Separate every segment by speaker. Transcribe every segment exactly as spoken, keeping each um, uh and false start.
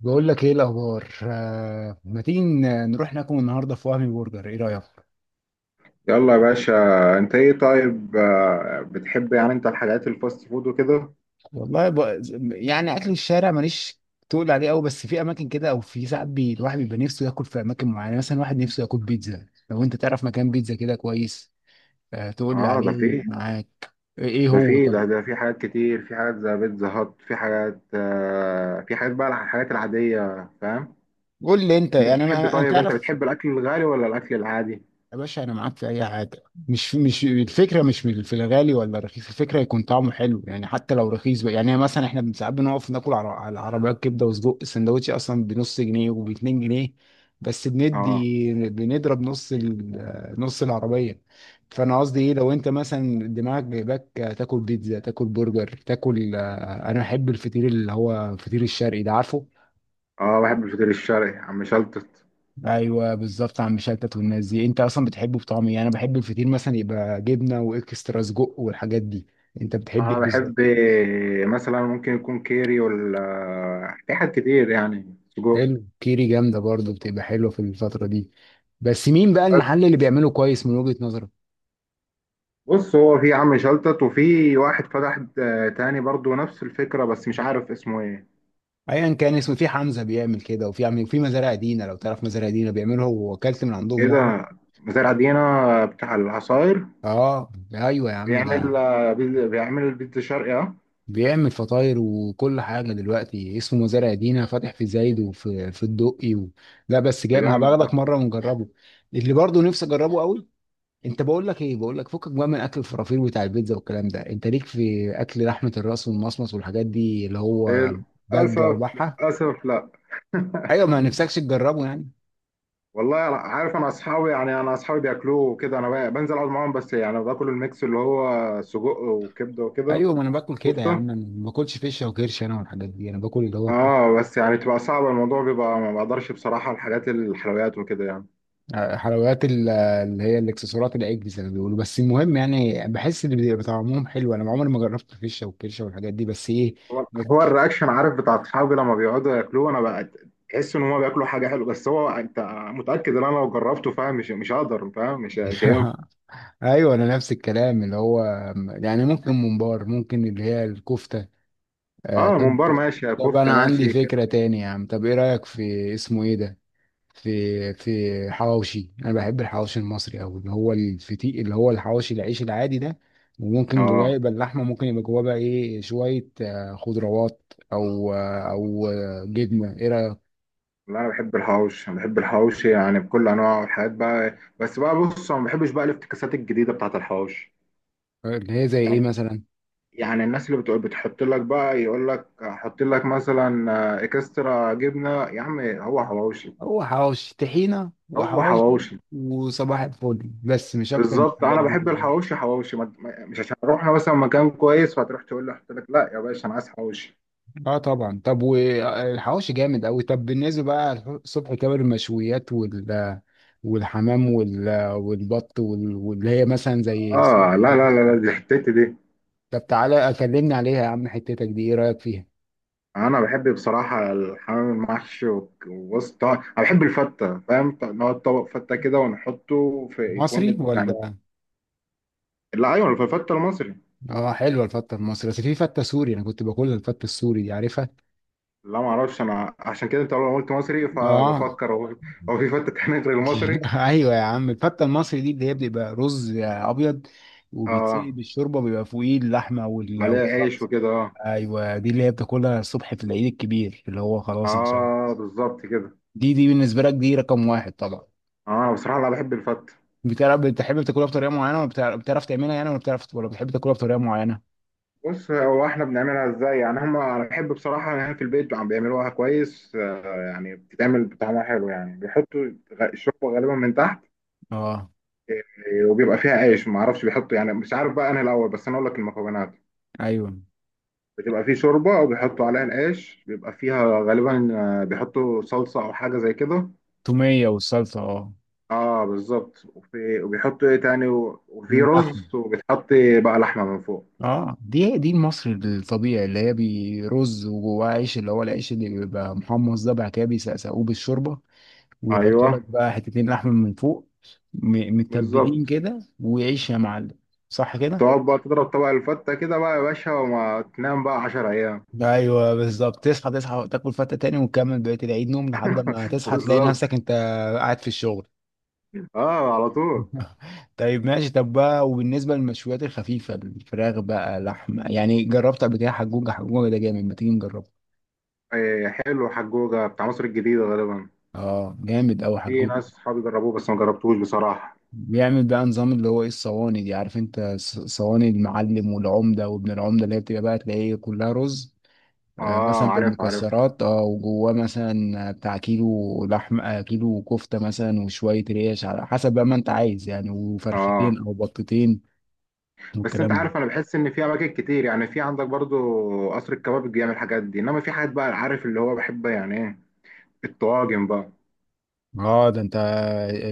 Speaker 1: بقول لك ايه الاخبار آه، ما تيجي ن- نروح ناكل النهارده في وهمي برجر ايه رايك
Speaker 2: يلا يا باشا. انت ايه طيب؟ آه، بتحب يعني انت الحاجات الفاست فود وكده؟
Speaker 1: والله ب... يعني اكل الشارع ماليش تقول عليه قوي، بس في اماكن كده او في ساعات بي... الواحد بيبقى نفسه ياكل في اماكن معينه. يعني مثلا واحد نفسه ياكل بيتزا، لو انت تعرف مكان بيتزا كده كويس آه، تقول لي
Speaker 2: اه ده
Speaker 1: عليه
Speaker 2: في.
Speaker 1: معاك. ايه
Speaker 2: ده
Speaker 1: هو
Speaker 2: في
Speaker 1: طب؟
Speaker 2: ده ده في حاجات كتير، في حاجات زي بيتزا هات، في حاجات آه في حاجات بقى الحاجات العادية، فاهم.
Speaker 1: قول لي انت،
Speaker 2: انت
Speaker 1: يعني انا
Speaker 2: بتحب
Speaker 1: أنا- أنا
Speaker 2: طيب انت
Speaker 1: تعرف
Speaker 2: بتحب الاكل الغالي ولا الاكل العادي؟
Speaker 1: يا باشا انا معاك في اي حاجه. مش مش الفكره، مش من- في الغالي ولا الرخيص، الفكره يكون طعمه حلو. يعني حتى لو رخيص بقى، يعني مثلا احنا ساعات بنقف ناكل على على عربيات كبده وسجق، السندوتش اصلا بنص جنيه وب جنيهين. بس
Speaker 2: اه.
Speaker 1: بندي بنضرب نص ال- نص العربيه. فانا قصدي ايه، لو انت مثلا دماغك جايباك تاكل بيتزا، تاكل برجر، تاكل، آه، انا بحب الفطير اللي هو الفطير الشرقي ده، عارفه؟
Speaker 2: اه بحب الفطير الشرقي يا عم شلتت.
Speaker 1: ايوه بالظبط، عم شلتت والناس دي. انت اصلا بتحبه بطعم ايه؟ انا بحب الفطير مثلا يبقى جبنه واكسترا سجق والحاجات دي. انت بتحب
Speaker 2: انا
Speaker 1: ايه
Speaker 2: بحب
Speaker 1: بالظبط؟
Speaker 2: مثلا ممكن يكون كيري ولا في حاجات كتير يعني سجق.
Speaker 1: حلو، كيري جامده برضو، بتبقى حلوه في الفتره دي. بس مين بقى المحل اللي بيعمله كويس من وجهه نظرك؟
Speaker 2: بص هو في عم شلتت، وفي واحد فتح آه، تاني برضو نفس الفكرة، بس مش عارف اسمه ايه.
Speaker 1: ايا كان اسمه، في حمزه بيعمل كده، وفي عم، وفي مزارع دينا، لو تعرف مزارع دينا بيعمله هو، واكلت من عندهم مره.
Speaker 2: كده. مزارع دينا بتاع العصاير؟
Speaker 1: اه ايوه يا عم
Speaker 2: بيعمل،
Speaker 1: ده
Speaker 2: آه، بيز- بيعمل البيتزا الشرقي اه.
Speaker 1: بيعمل فطاير وكل حاجة، دلوقتي اسمه مزارع دينا فاتح في زايد وفي في الدقي و... لا بس
Speaker 2: ده
Speaker 1: جاي ما هبقى
Speaker 2: جامد ده.
Speaker 1: اخدك مرة ونجربه، اللي برضه نفسي اجربه قوي. انت بقول لك ايه، بقول لك فكك بقى من اكل الفرافير بتاع البيتزا والكلام ده، انت ليك في اكل لحمة الراس والمصمص والحاجات دي اللي هو بجة
Speaker 2: للأسف،
Speaker 1: وبحة؟
Speaker 2: للأسف لا.
Speaker 1: ايوه ما نفسكش تجربه يعني؟
Speaker 2: والله عارف، انا اصحابي يعني انا اصحابي بياكلوه وكده، انا بقى- بنزل اقعد معاهم، بس يعني باكل الميكس اللي هو سجق وكبده وكده.
Speaker 1: ايوه ما انا باكل كده يا
Speaker 2: كفته.
Speaker 1: عم، انا ما باكلش فيشه وكرش انا والحاجات دي، انا باكل اللي هو
Speaker 2: اه بس يعني تبقى صعبه، الموضوع بيبقى ما بقدرش بصراحه الحاجات الحلويات وكده يعني.
Speaker 1: آه، حلويات، ال- اللي هي الاكسسوارات، العجل زي ما بيقولوا. بس المهم يعني بحس ان بيبقى طعمهم حلو، انا عمري ما جربت الفشه والكرشه والحاجات دي. بس ايه،
Speaker 2: هو
Speaker 1: بت-
Speaker 2: هو الرياكشن عارف بتاع اصحابي لما بيقعدوا ياكلوه، انا بقى تحس ان هم بياكلوا حاجه حلوه، بس هو انت متاكد ان انا لو جربته فاهم مش مش هقدر، فاهم مش مش هينفع.
Speaker 1: ايوه انا نفس الكلام. اللي هو يعني ممكن ممبار، ممكن اللي هي الكفته. آه
Speaker 2: اه
Speaker 1: طب،
Speaker 2: ممبار ماشي،
Speaker 1: طب انا
Speaker 2: كفته
Speaker 1: عندي
Speaker 2: ماشي، كده
Speaker 1: فكره تاني
Speaker 2: ماشي.
Speaker 1: يا عم. طب ايه رايك في اسمه ايه ده، في في حواوشي. انا بحب الحواوشي المصري قوي، اللي هو الفتيق، اللي هو الحواوشي العيش العادي ده. وممكن جواه
Speaker 2: اه
Speaker 1: يبقى اللحمه، ممكن يبقى جواه بقى ايه، شويه آه، خضروات، او آه، او آه، جبنه. ايه رايك؟
Speaker 2: لا انا بحب الحوش، انا بحب الحوش يعني بكل انواعه والحاجات بقى، بس بقى بص انا ما بحبش بقى الافتكاسات الجديده بتاعت الحوش.
Speaker 1: اللي هي زي ايه
Speaker 2: يعني
Speaker 1: مثلا؟
Speaker 2: يعني الناس اللي بتقول بتحط لك بقى يقول لك حط لك مثلا آه، اكسترا جبنه، يا عم هو حواوشي.
Speaker 1: هو حواوشي طحينه،
Speaker 2: هو
Speaker 1: وحواوشي
Speaker 2: حواوشي.
Speaker 1: وصباح الفل، بس مش اكتر من
Speaker 2: بالظبط،
Speaker 1: الحاجات
Speaker 2: انا
Speaker 1: دي.
Speaker 2: بحب الحواوشي حواوشي، ما- ما- مش عشان رحنا مثلا مكان كويس فتروح تقول له حط لك، لا يا باشا انا عايز حواوشي.
Speaker 1: اه طبعا، طب والحواوشي جامد قوي. طب بالنسبه بقى الصبح، كباب، المشويات، وال والحمام، وال... والبط، وال... واللي هي مثلا زي
Speaker 2: اه لا لا لا
Speaker 1: الحجوجة.
Speaker 2: لا دي حتتي دي.
Speaker 1: طب تعالى اكلمني عليها يا عم، حتتك دي ايه رايك فيها؟
Speaker 2: انا بحب بصراحه الحمام المحشي، وك- وبص طبعا انا بحب الفته فاهم، ط- نقعد طبق فته كده ونحطه في
Speaker 1: مصري
Speaker 2: يكون يعني.
Speaker 1: ولا؟
Speaker 2: لا ايوه في الفته المصري.
Speaker 1: اه حلوه الفته المصري، بس في فته سوري انا كنت باكلها، الفته السوري دي عارفها؟
Speaker 2: لا ما اعرفش انا، عشان كده انت لما قلت مصري
Speaker 1: اه
Speaker 2: فبفكر هو هو في فته تانية غير المصري؟
Speaker 1: ايوه يا عم، الفته المصري دي اللي هي بيبقى رز ابيض، وبيتسقي
Speaker 2: اه.
Speaker 1: بالشوربه، بيبقى فوقيه اللحمه وال-
Speaker 2: عليها عيش
Speaker 1: والصلصه.
Speaker 2: وكده اه.
Speaker 1: ايوه دي اللي هي بتاكلها الصبح في العيد الكبير، اللي هو خلاص انسان.
Speaker 2: اه بالظبط كده.
Speaker 1: دي دي بالنسبه لك دي رقم واحد طبعا.
Speaker 2: اه انا بصراحه لا بحب الفته.
Speaker 1: بتعرف بتحب تاكلها بطريقه معينه، ولا بتعرف، بتعرف تعملها يعني، ولا بتعرف، ولا بتحب تاكلها بطريقه معينه؟
Speaker 2: بص هو احنا بنعملها ازاي يعني، هم انا بحب بصراحه ان هي في البيت عم بيعملوها كويس، آه، يعني بتتعمل بطعمها حلو يعني، بيحطوا غ- الشوربه غالبا من تحت،
Speaker 1: اه،
Speaker 2: آه، وبيبقى فيها عيش، ما اعرفش بيحطوا يعني مش عارف بقى انا الاول، بس انا اقول لك المكونات.
Speaker 1: ايوه،
Speaker 2: بتبقى فيه شوربه، وبيحطوا عليها العيش، بيبقى فيها غالبا آه، بيحطوا صلصه او حاجه زي كده.
Speaker 1: توميه والصلصه اه.
Speaker 2: اه بالظبط. وفي وبيحطوا ايه تاني، و- وفي
Speaker 1: اللحم.
Speaker 2: رز، وبتحط بقى لحمه من فوق.
Speaker 1: اه دي دي المصري الطبيعي اللي هي برز وجواه عيش، اللي هو العيش اللي بيبقى محمص ده، بعد كده بيسقسقوه بالشوربه، ويحطوا
Speaker 2: ايوه
Speaker 1: لك بقى حتتين لحم من فوق، م- متبلين
Speaker 2: بالظبط.
Speaker 1: كده وعيش يا معلم. صح كده؟
Speaker 2: تقعد بقى تضرب طبق الفتة كده بقى يا باشا، وما تنام بقى عشرة أيام.
Speaker 1: ايوه بالظبط، تصحى، تصحى تاكل فتة تاني وتكمل بقية العيد نوم، لحد ما تصحى تلاقي
Speaker 2: بالظبط.
Speaker 1: نفسك انت قاعد في الشغل.
Speaker 2: اه على طول.
Speaker 1: طيب ماشي. طب بقى وبالنسبة للمشويات الخفيفة، الفراخ بقى، لحمة، يعني جربت قبل كده حجوجة؟ حجوجة ده جامد، ما تيجي نجربه.
Speaker 2: إيه حلو، حجوجة بتاع مصر الجديدة غالبا.
Speaker 1: اه جامد أوي
Speaker 2: في
Speaker 1: حجوجة.
Speaker 2: ناس صحابي جربوه، بس ما جربتوش بصراحة.
Speaker 1: بيعمل بقى نظام اللي هو ايه، الصواني دي عارف انت، ص- صواني المعلم والعمدة وابن العمدة، اللي هي بتبقى بقى تلاقيه كلها رز آه،
Speaker 2: اه
Speaker 1: مثلا
Speaker 2: عارف عارف.
Speaker 1: بالمكسرات، اه، وجواه مثلا بتاع كيلو لحمة، آه، كيلو كفتة مثلا، وشوية ريش على حسب بقى ما انت عايز يعني،
Speaker 2: اه
Speaker 1: وفرختين او بطتين
Speaker 2: بس انت
Speaker 1: والكلام ده.
Speaker 2: عارف انا بحس ان في اماكن كتير يعني، في عندك برضو قصر الكباب بيعمل الحاجات دي، انما في حاجات بقى عارف اللي هو بحب يعني ايه الطواجن بقى.
Speaker 1: اه ده انت،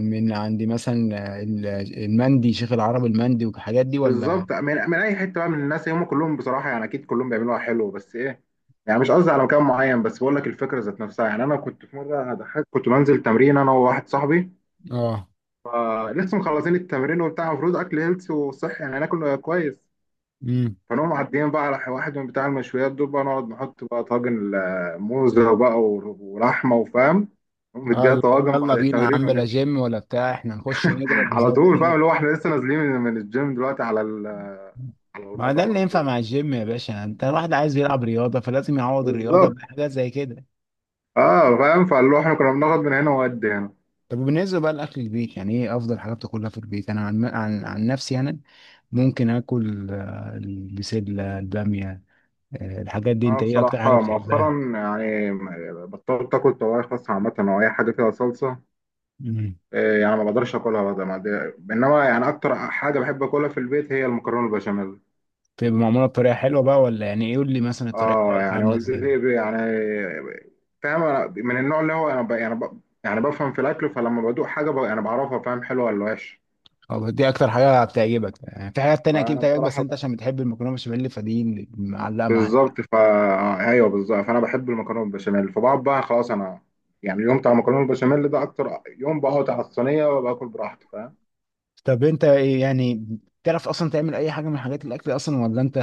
Speaker 1: من عندي مثلا، آه، ال- المندي، شيخ العرب، المندي والحاجات دي ولا؟
Speaker 2: بالظبط، من، من اي حته بقى من الناس هم كلهم بصراحه يعني، اكيد كلهم بيعملوها حلو، بس ايه يعني مش قصدي على مكان معين، بس بقول لك الفكره ذات نفسها يعني. انا كنت في مره انا ضحكت، كنت بنزل تمرين انا وواحد صاحبي،
Speaker 1: اه،
Speaker 2: فلسه مخلصين التمرين وبتاع، المفروض اكل هيلث وصحي يعني، ناكل كويس.
Speaker 1: امم،
Speaker 2: فنقوم معديين بقى على واحد من بتاع المشويات دول، بقى نقعد نحط بقى طاجن آه، موزه بقى، ور- ولحمه، وفاهم، نقوم
Speaker 1: اه
Speaker 2: مديها
Speaker 1: اللي هو
Speaker 2: طواجن
Speaker 1: يلا
Speaker 2: بعد
Speaker 1: بينا يا
Speaker 2: التمرين
Speaker 1: عم، بلا
Speaker 2: ونمشي.
Speaker 1: جيم ولا بتاع، احنا نخش نضرب وزي
Speaker 2: على
Speaker 1: ما
Speaker 2: طول فاهم،
Speaker 1: تيجي.
Speaker 2: اللي هو احنا لسه نازلين من من الجيم دلوقتي على ال- على
Speaker 1: ما ده
Speaker 2: المطعم على
Speaker 1: اللي ينفع
Speaker 2: طول.
Speaker 1: مع الجيم يا باشا، انت الواحد عايز يلعب رياضة فلازم يعوض الرياضة
Speaker 2: بالظبط.
Speaker 1: بحاجات زي كده.
Speaker 2: اه فاهم، فاللي هو احنا كنا بناخد من هنا وقد هنا.
Speaker 1: طب وبالنسبة بقى لأكل البيت، يعني إيه أفضل حاجة بتاكلها في البيت؟ أنا عن عن, عن نفسي أنا ممكن آكل آه، البسلة، البامية، آه، الحاجات دي.
Speaker 2: اه
Speaker 1: أنت إيه أكتر حاجة
Speaker 2: بصراحة
Speaker 1: بتحبها؟
Speaker 2: مؤخرا يعني بطلت اكل طواجن خاصة، عامة او اي حاجة فيها صلصة.
Speaker 1: مم.
Speaker 2: آه يعني ما بقدرش اكلها بقى، ما دي- انما يعني اكتر حاجة بحب اكلها في البيت هي المكرونة البشاميل.
Speaker 1: بتبقى معمولة بطريقة حلوة بقى، ولا يعني إيه؟ قول لي مثلا الطريقة
Speaker 2: اه
Speaker 1: بتاعتها
Speaker 2: يعني
Speaker 1: عاملة إزاي؟
Speaker 2: والدتي ب- يعني فاهم، أنا من النوع اللي هو انا ب... يعني ب... يعني بفهم في الاكل، فلما بدوق حاجة ب... يعني بعرفها فاهم حلوة ولا وحشة.
Speaker 1: أو دي أكتر حاجة بتعجبك، يعني في حاجات تانية أكيد
Speaker 2: فانا
Speaker 1: بتعجبك، بس
Speaker 2: بصراحة
Speaker 1: أنت عشان بتحب المكرونة بشاميل فدي اللي معلقة معاك.
Speaker 2: بالظبط، فا ايوه بالظبط، فانا بحب المكرونه بالبشاميل، فبقعد بقى خلاص، انا يعني اليوم بتاع المكرونه بالبشاميل ده اكتر يوم بقعد على الصينيه وباكل براحتي فاهم.
Speaker 1: طب أنت إيه يعني، بتعرف أصلا تعمل أي حاجة من حاجات الأكل أصلا، ولا أنت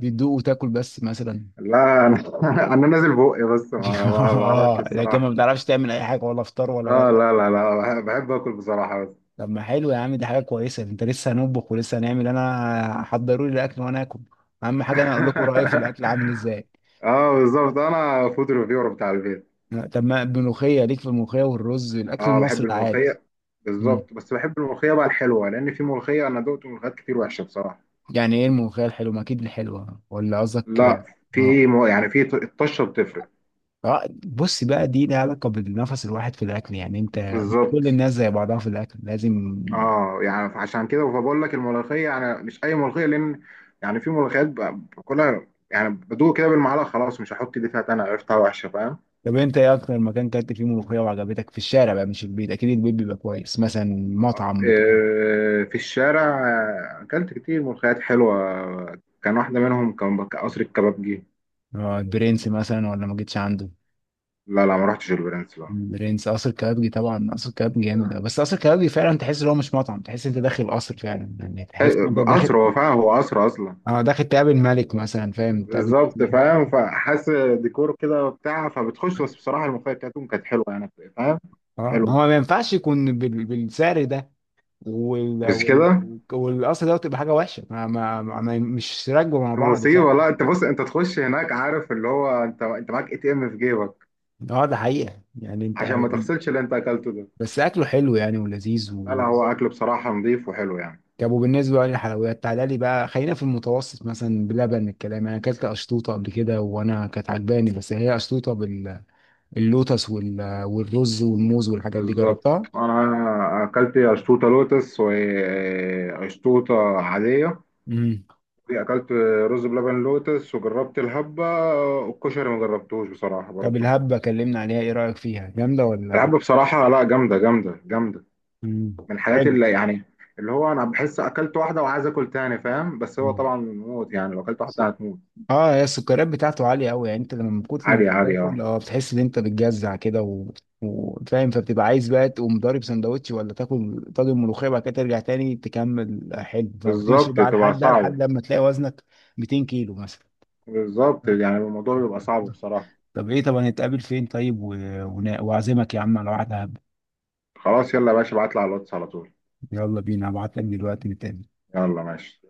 Speaker 1: بتدوق وتاكل بس مثلا؟
Speaker 2: لا انا انا نازل بقي، بس ما ما بعرفش
Speaker 1: اه، لكن
Speaker 2: بصراحه.
Speaker 1: ما بتعرفش تعمل اي حاجه، ولا فطار ولا
Speaker 2: اه
Speaker 1: غدا؟
Speaker 2: لا لا لا بحب، بحب اكل بصراحه بس.
Speaker 1: طب ما حلو يا عم، دي حاجه كويسه. انت لسه هنطبخ ولسه هنعمل، انا حضروا لي الاكل وانا اكل، اهم حاجه انا اقول لكم رايي في الاكل عامل ازاي.
Speaker 2: اه بالظبط انا فود ريفيور بتاع البيت.
Speaker 1: لا، طب ما الملوخيه، ليك في الملوخيه والرز، الاكل
Speaker 2: اه بحب
Speaker 1: المصري العادي؟
Speaker 2: الملوخيه.
Speaker 1: مم.
Speaker 2: بالظبط، بس بحب الملوخيه بقى الحلوه، لان في ملوخيه، انا دقت ملوخيات كتير وحشه بصراحه.
Speaker 1: يعني ايه الملوخيه الحلوه؟ ما اكيد الحلوه، ولا قصدك
Speaker 2: لا،
Speaker 1: يعني؟
Speaker 2: في
Speaker 1: اه،
Speaker 2: م- يعني في ط- الطشه بتفرق.
Speaker 1: اه بص بقى، دي لها علاقه بالنفس، الواحد في الاكل يعني انت، مش
Speaker 2: بالظبط.
Speaker 1: كل الناس زي بعضها في الاكل، لازم.
Speaker 2: اه يعني عشان كده فبقول لك الملوخيه يعني مش اي ملوخيه، لان يعني في ملوخيات ب- باكلها يعني، بدوق كده بالمعلقه خلاص مش هحط دي فيها تاني، عرفتها وحشه فاهم.
Speaker 1: طب انت ايه اكتر مكان كلت فيه ملوخيه وعجبتك في الشارع بقى، مش البيت، اكيد البيت بيبقى كويس، مثلا مطعم بتاع؟
Speaker 2: آه، في الشارع، آه، اكلت كتير ملوخيات حلوه، كان واحده منهم كان بك- قصر الكبابجي.
Speaker 1: اه، البرنس مثلا ولا ما جيتش عنده؟
Speaker 2: لا لا ما رحتش البرنس لا.
Speaker 1: البرنس، قصر كبابجي طبعا، قصر كبابجي جامد أوي. بس قصر كبابجي فعلا تحس ان هو مش مطعم، تحس انت داخل قصر فعلا يعني، تحس ان
Speaker 2: حي-
Speaker 1: انت داخل،
Speaker 2: قصر، هو فاهم هو قصر اصلا.
Speaker 1: اه داخل تقابل ملك مثلا، فاهم؟ تقابل
Speaker 2: بالظبط
Speaker 1: كتير.
Speaker 2: فاهم، فحاسس ديكور كده وبتاع، فبتخش، بس بصراحه الملوخيه بتاعتهم كانت حلوه يعني، فاهم.
Speaker 1: اه، ما
Speaker 2: حلو.
Speaker 1: هو ما ينفعش يكون بال... بالسعر ده وال...
Speaker 2: بس
Speaker 1: وال...
Speaker 2: كده.
Speaker 1: والقصر ده، تبقى حاجه وحشه، ما... ما... ما... مش راكبه مع بعض،
Speaker 2: المصيبة
Speaker 1: فاهم؟
Speaker 2: لا، انت بص انت تخش هناك عارف اللي هو، انت انت معاك اي تي ام في جيبك،
Speaker 1: اه ده حقيقة، يعني انت،
Speaker 2: عشان ما تغسلش اللي انت اكلته ده.
Speaker 1: بس اكله حلو يعني ولذيذ
Speaker 2: لا لا،
Speaker 1: و...
Speaker 2: هو اكل بصراحة نظيف وحلو يعني.
Speaker 1: طب وبالنسبه بقى للحلويات، تعالى لي بقى، خلينا في المتوسط مثلا، بلبن، الكلام، انا اكلت اشطوطه قبل كده، وانا كانت عجباني، بس هي اشطوطه باللوتس وال... والرز والموز والحاجات دي،
Speaker 2: بالظبط.
Speaker 1: جربتها؟
Speaker 2: انا اكلت اشطوطة لوتس واشطوطة عادية.
Speaker 1: امم.
Speaker 2: اكلت رز بلبن لوتس، وجربت الهبة، والكشري ما جربتوش بصراحة
Speaker 1: طب
Speaker 2: برضو.
Speaker 1: الهبه، كلمنا عليها، ايه رايك فيها جامده ولا؟
Speaker 2: الهبة بصراحة لا، جامدة جامدة جامدة.
Speaker 1: امم،
Speaker 2: من الحاجات
Speaker 1: حلو.
Speaker 2: اللي يعني اللي هو انا بحس اكلت واحدة وعايز اكل تاني فاهم، بس هو
Speaker 1: مم.
Speaker 2: طبعا موت يعني، لو اكلت واحدة هتموت.
Speaker 1: اه هي السكريات بتاعته عالية أوي، يعني أنت لما من كتر ما
Speaker 2: عادي عادي
Speaker 1: بتاكل
Speaker 2: اه.
Speaker 1: اه، بتحس إن أنت بتجزع كده و... وفاهم، فبتبقى عايز بقى تقوم ضارب سندوتش ولا تاكل طاجن ملوخية بعد كده، ترجع تاني تكمل حلو، وتمشي
Speaker 2: بالظبط
Speaker 1: بقى
Speaker 2: تبقى
Speaker 1: لحد ده،
Speaker 2: صعبة.
Speaker 1: لحد لما تلاقي وزنك مئتين كيلو مثلا.
Speaker 2: بالظبط، يعني الموضوع بيبقى صعب بصراحة.
Speaker 1: طب إيه، طب هنتقابل فين طيب و... ون- وأعزمك يا عم على واحدة هب.
Speaker 2: خلاص يلا يا باشا ابعتلي على الواتس على طول.
Speaker 1: يلا بينا، هبعت لك دلوقتي نتقابل.
Speaker 2: يلا ماشي.